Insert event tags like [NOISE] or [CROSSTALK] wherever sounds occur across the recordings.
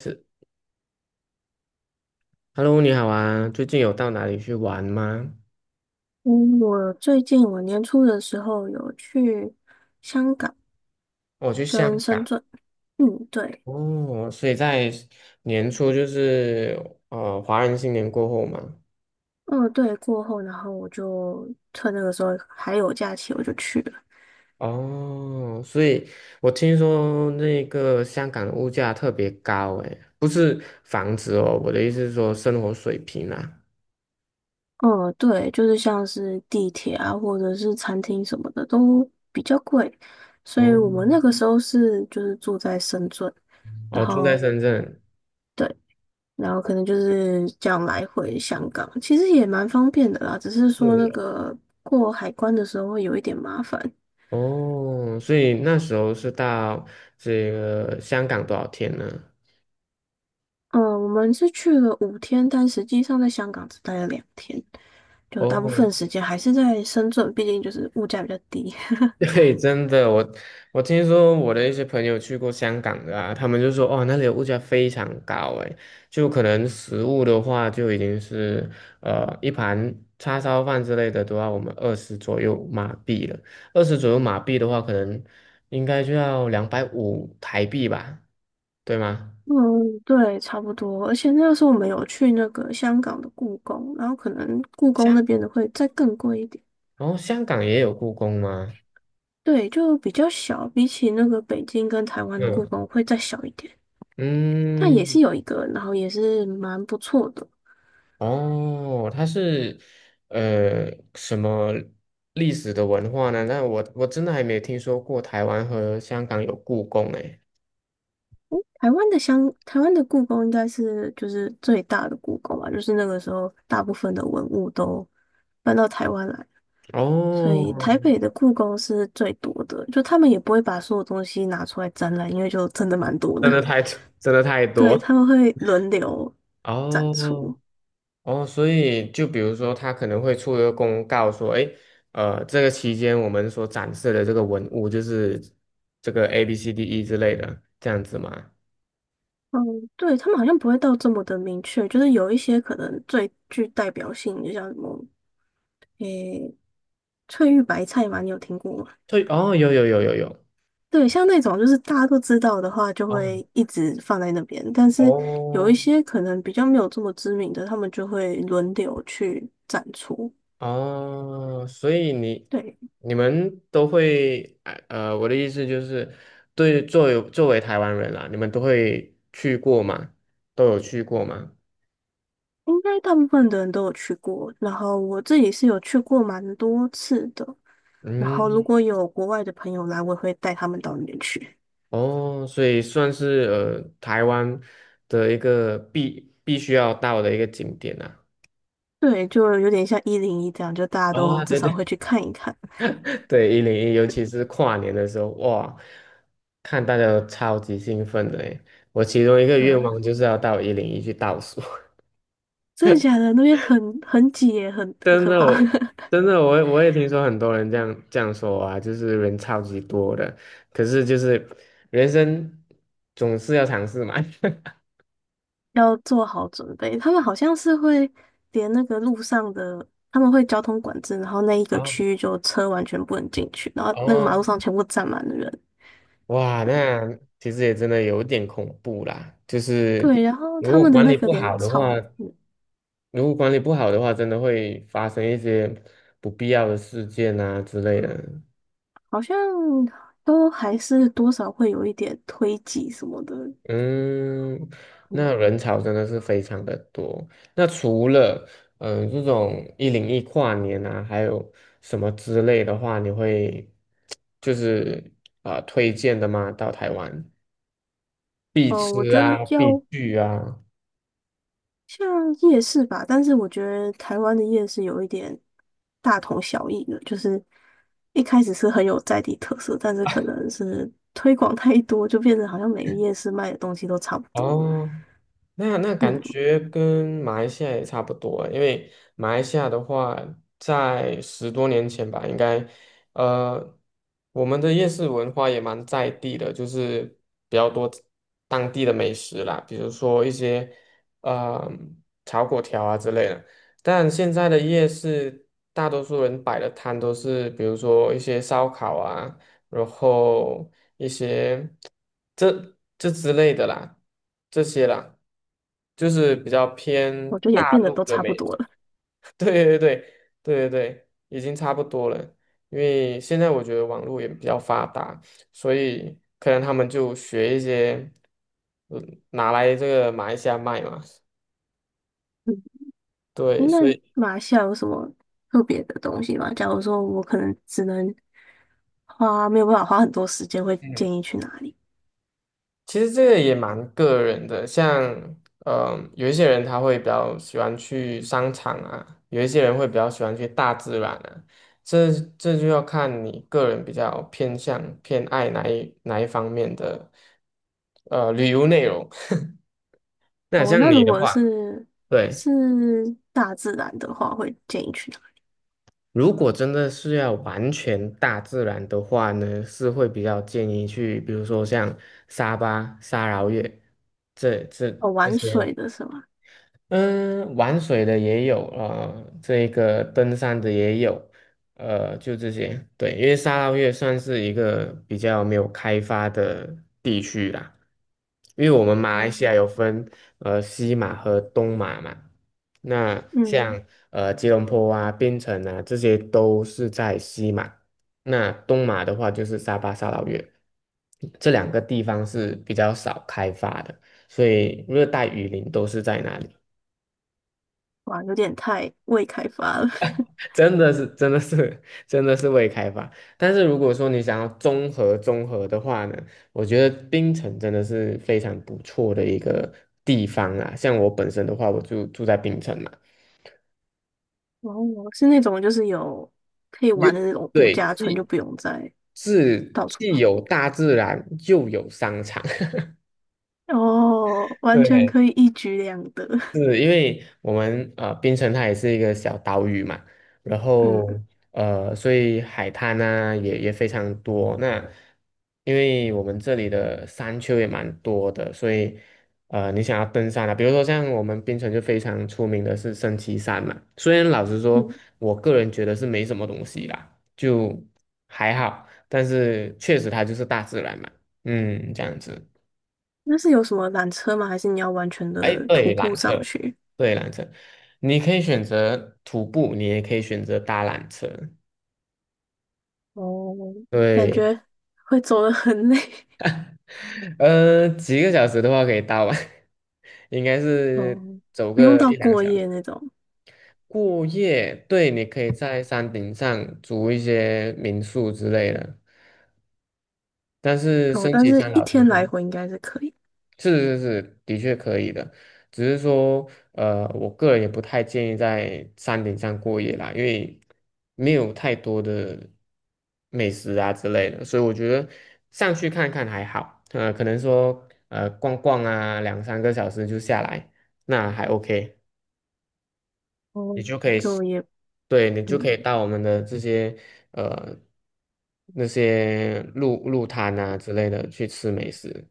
是，Hello，你好啊，最近有到哪里去玩吗？嗯，我最近我年初的时候有去香港我去香跟深港圳。嗯，对。哦，所以在年初就是华人新年过后嘛，嗯，对，过后，然后我就趁那个时候还有假期，我就去了。哦，所以我听说那个香港的物价特别高，诶，不是房子哦，我的意思是说生活水平啊。嗯，对，就是像是地铁啊，或者是餐厅什么的都比较贵，所以哦，我们那个时候是住在深圳。哦，然住在后深圳。对，然后可能就是这样来回香港，其实也蛮方便的啦，只是说那是个过海关的时候会有一点麻烦。哦，哦所以那时候是到这个香港多少天呢？嗯，我们是去了5天，但实际上在香港只待了两天，就大部分哦，时间还是在深圳，毕竟就是物价比较低。[LAUGHS] [LAUGHS] 对，真的，我听说我的一些朋友去过香港的啊，他们就说哦，那里的物价非常高，诶，就可能食物的话就已经是一盘叉烧饭之类的都要我们二十左右马币了，二十左右马币的话，可能应该就要250台币吧，对吗？嗯，对，差不多。而且那个时候我们有去那个香港的故宫，然后可能故宫香，那边的会再更贵一点。然后香港也有故宫吗？对，就比较小，比起那个北京跟台湾的故嗯宫会再小一点，但也嗯，是有一个，然后也是蛮不错的。哦，它是呃什么历史的文化呢？那我真的还没有听说过台湾和香港有故宫诶。台湾的故宫应该是就是最大的故宫吧，就是那个时候大部分的文物都搬到台湾来，所哦，以台北的故宫是最多的。就他们也不会把所有东西拿出来展览，因为就真的蛮多真的。[LAUGHS] 的太 [LAUGHS] 真的太对，多他们会轮流展出。哦哦，所以就比如说，他可能会出一个公告说，诶，这个期间我们所展示的这个文物就是这个 ABCDE 之类的，这样子吗？嗯，对，他们好像不会到这么的明确，就是有一些可能最具代表性，就像什么，诶，翠玉白菜嘛，你有听过吗？对，哦，有有有有有。对，像那种就是大家都知道的话，就啊，会一直放在那边。但是有一哦些可能比较没有这么知名的，他们就会轮流去展出。哦，所以你对，你们都会，我的意思就是，对，作为台湾人啦，你们都会去过吗？都有去过吗？应该大部分的人都有去过。然后我自己是有去过蛮多次的。然后如嗯，果有国外的朋友来，我也会带他们到那边去。哦，所以算是台湾的一个必须要到的一个景点啊。对，就有点像101这样，就大家都啊、至对少对 会去看一看。[LAUGHS] 对，101，尤其是跨年的时候，哇，看大家都超级兴奋的诶。我其中一个对愿啊，望就是要到一零一去倒数。真的假的？那边很挤耶，很真可的，怕。[LAUGHS] 我也听说很多人这样说啊，就是人超级多的，可是就是人生总是要尝试嘛。[LAUGHS] 要做好准备。他们好像是会连那个路上的，他们会交通管制，然后那一个啊，区域就车完全不能进去，然后那个马路哦，上全部站满了人。哇，对。那其实也真的有点恐怖啦。就是对，然后如他果们的管那理个不连好的话，草，嗯，如果管理不好的话，真的会发生一些不必要的事件啊之类的。好像都还是多少会有一点推挤什么的。嗯，嗯。那人潮真的是非常的多。那除了这种一零一跨年啊，还有什么之类的话，你会就是啊、推荐的吗？到台湾必哦，我吃觉得啊，必要。去啊。像夜市吧，但是我觉得台湾的夜市有一点大同小异的，就是一开始是很有在地特色，但是可能是推广太多，就变成好像每个夜市卖的东西都差不多。哦那感嗯，觉跟马来西亚也差不多欸因为马来西亚的话，在10多年前吧，应该，呃，我们的夜市文化也蛮在地的，就是比较多当地的美食啦，比如说一些呃炒粿条啊之类的。但现在的夜市，大多数人摆的摊都是，比如说一些烧烤啊。然后一些这之类的啦，这些啦，就是比较我偏觉得也大变得陆都的差不美食 多了。[LAUGHS] 对对对对对对，已经差不多了。因为现在我觉得网络也比较发达，所以可能他们就学一些，拿来这个马来西亚卖嘛。[LAUGHS] 嗯，对，那所以马来西亚有什么特别的东西吗？假如说我可能只能花，没有办法花很多时间，会嗯建议去哪里？其实这个也蛮个人的，像有一些人他会比较喜欢去商场啊，有一些人会比较喜欢去大自然啊，这这就要看你个人比较偏向偏爱哪一方面的旅游内容。[LAUGHS] 那哦，像那你如的果话，是对，是大自然的话，会建议去哪？如果真的是要完全大自然的话呢，是会比较建议去，比如说像沙巴、沙劳越这。哦，这玩些。水的是吗？嗯，玩水的也有，这个登山的也有，就这些。对，因为沙捞越算是一个比较没有开发的地区啦，因为我们马来西亚嗯。有分西马和东马嘛，那嗯，像吉隆坡啊、槟城啊这些都是在西马，那东马的话就是沙巴、沙捞越，这两个地方是比较少开发的，所以热带雨林都是在那里。哇，有点太未开发了。[LAUGHS] 真的是，真的是，[LAUGHS] 真的是未开发。但是如果说你想要综合综合的话呢，我觉得槟城真的是非常不错的一个地方啊。像我本身的话，我就住在槟城嘛，哦，是那种就是有可以你玩的就那种度对，假村，就既不用再是到处既跑。有大自然，又有商场。[LAUGHS] 哦，完全对，可以一举两得。[LAUGHS] 是因为我们槟城它也是一个小岛屿嘛，然嗯。后所以海滩呢、也非常多。那因为我们这里的山丘也蛮多的，所以你想要登山啊，比如说像我们槟城就非常出名的是升旗山嘛。虽然老实说，嗯，我个人觉得是没什么东西啦，就还好，但是确实它就是大自然嘛，这样子。那是有什么缆车吗？还是你要完全哎，的徒对，步缆上车，去？对，缆车，你可以选择徒步，你也可以选择搭缆车。哦，感对，觉会走的很累。[LAUGHS] [LAUGHS] 几个小时的话可以搭完，[LAUGHS] 应该是哦，走不用个到一两个过小夜时。那种。过夜，对，你可以在山顶上租一些民宿之类的，但是哦，升但级是山一老实天来说。回应该是可以。是是是，的确可以的，只是说，我个人也不太建议在山顶上过夜啦，因为没有太多的美食啊之类的，所以我觉得上去看看还好，可能说，逛逛啊，两三个小时就下来，那还 OK，哦，你就可以，就也对，你就可嗯，以到我们的这些，呃，那些路路摊啊之类的去吃美食。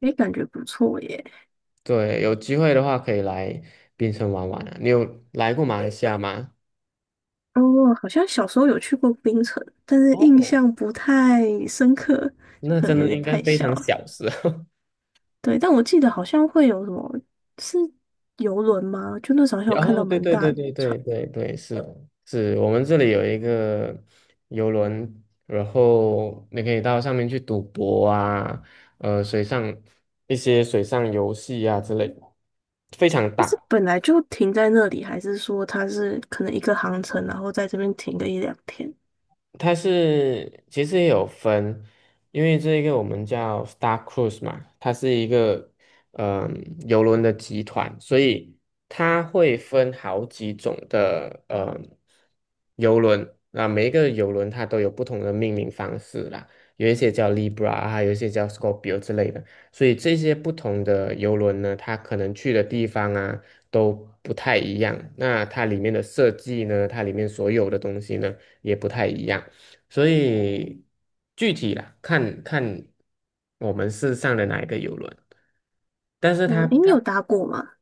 诶，感觉不错耶。对，有机会的话可以来槟城玩玩啊。你有来过马来西亚吗？哦，好像小时候有去过冰城，但是印哦，象不太深刻，就那可能真有的点应该太非小常了。小时候。对，但我记得好像会有什么是游轮吗？就那时候好像 [LAUGHS] 有看哦，到对蛮对大对的对船，对对对，是是，我们这里有一个游轮，然后你可以到上面去赌博啊，水上一些水上游戏啊之类的，非常但是大。本来就停在那里，还是说它是可能一个航程，然后在这边停个一两天？它是其实也有分，因为这一个我们叫 Star Cruise 嘛，它是一个邮轮的集团，所以它会分好几种的邮轮，那每一个邮轮它都有不同的命名方式啦，有一些叫 Libra 啊，还有一些叫 Scorpio 之类的，所以这些不同的邮轮呢，它可能去的地方啊都不太一样，那它里面的设计呢，它里面所有的东西呢也不太一样。所以具体啦，看看我们是上的哪一个游轮。但是哦，诶，你有搭过吗？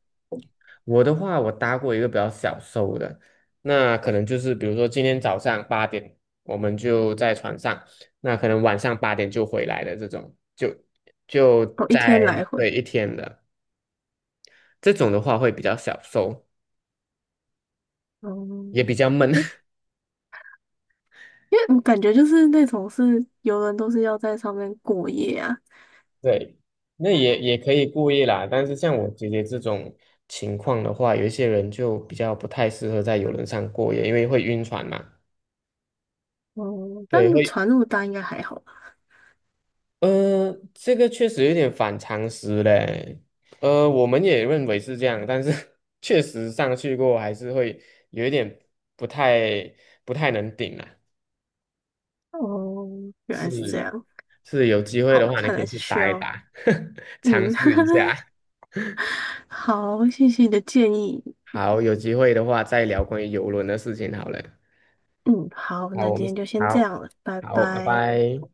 我的话，我搭过一个比较小艘的，那可能就是比如说今天早上八点我们就在船上，那可能晚上八点就回来的这种，就哦，一天在来回。对一天的这种的话会比较小艘，也哦，比较闷。诶，因为我感觉就是那种是游轮都是要在上面过夜啊。对，那也可以故意啦，但是像我姐姐这种情况的话，有一些人就比较不太适合在游轮上过夜，因为会晕船嘛。哦，对，但会，船那么大应该还好。这个确实有点反常识嘞。我们也认为是这样，但是 [LAUGHS] 确实上去过还是会有一点不太不太能顶啊。哦，原来是这是样。是，有机会好，的话你看可来以是去需打一要。打，[LAUGHS] 尝嗯。试一 [LAUGHS] 下。好，谢谢你的建议。好，有机会的话再聊关于游轮的事情好了。嗯，好，好，那我今们天就先这好，样了，拜好，拜拜。拜。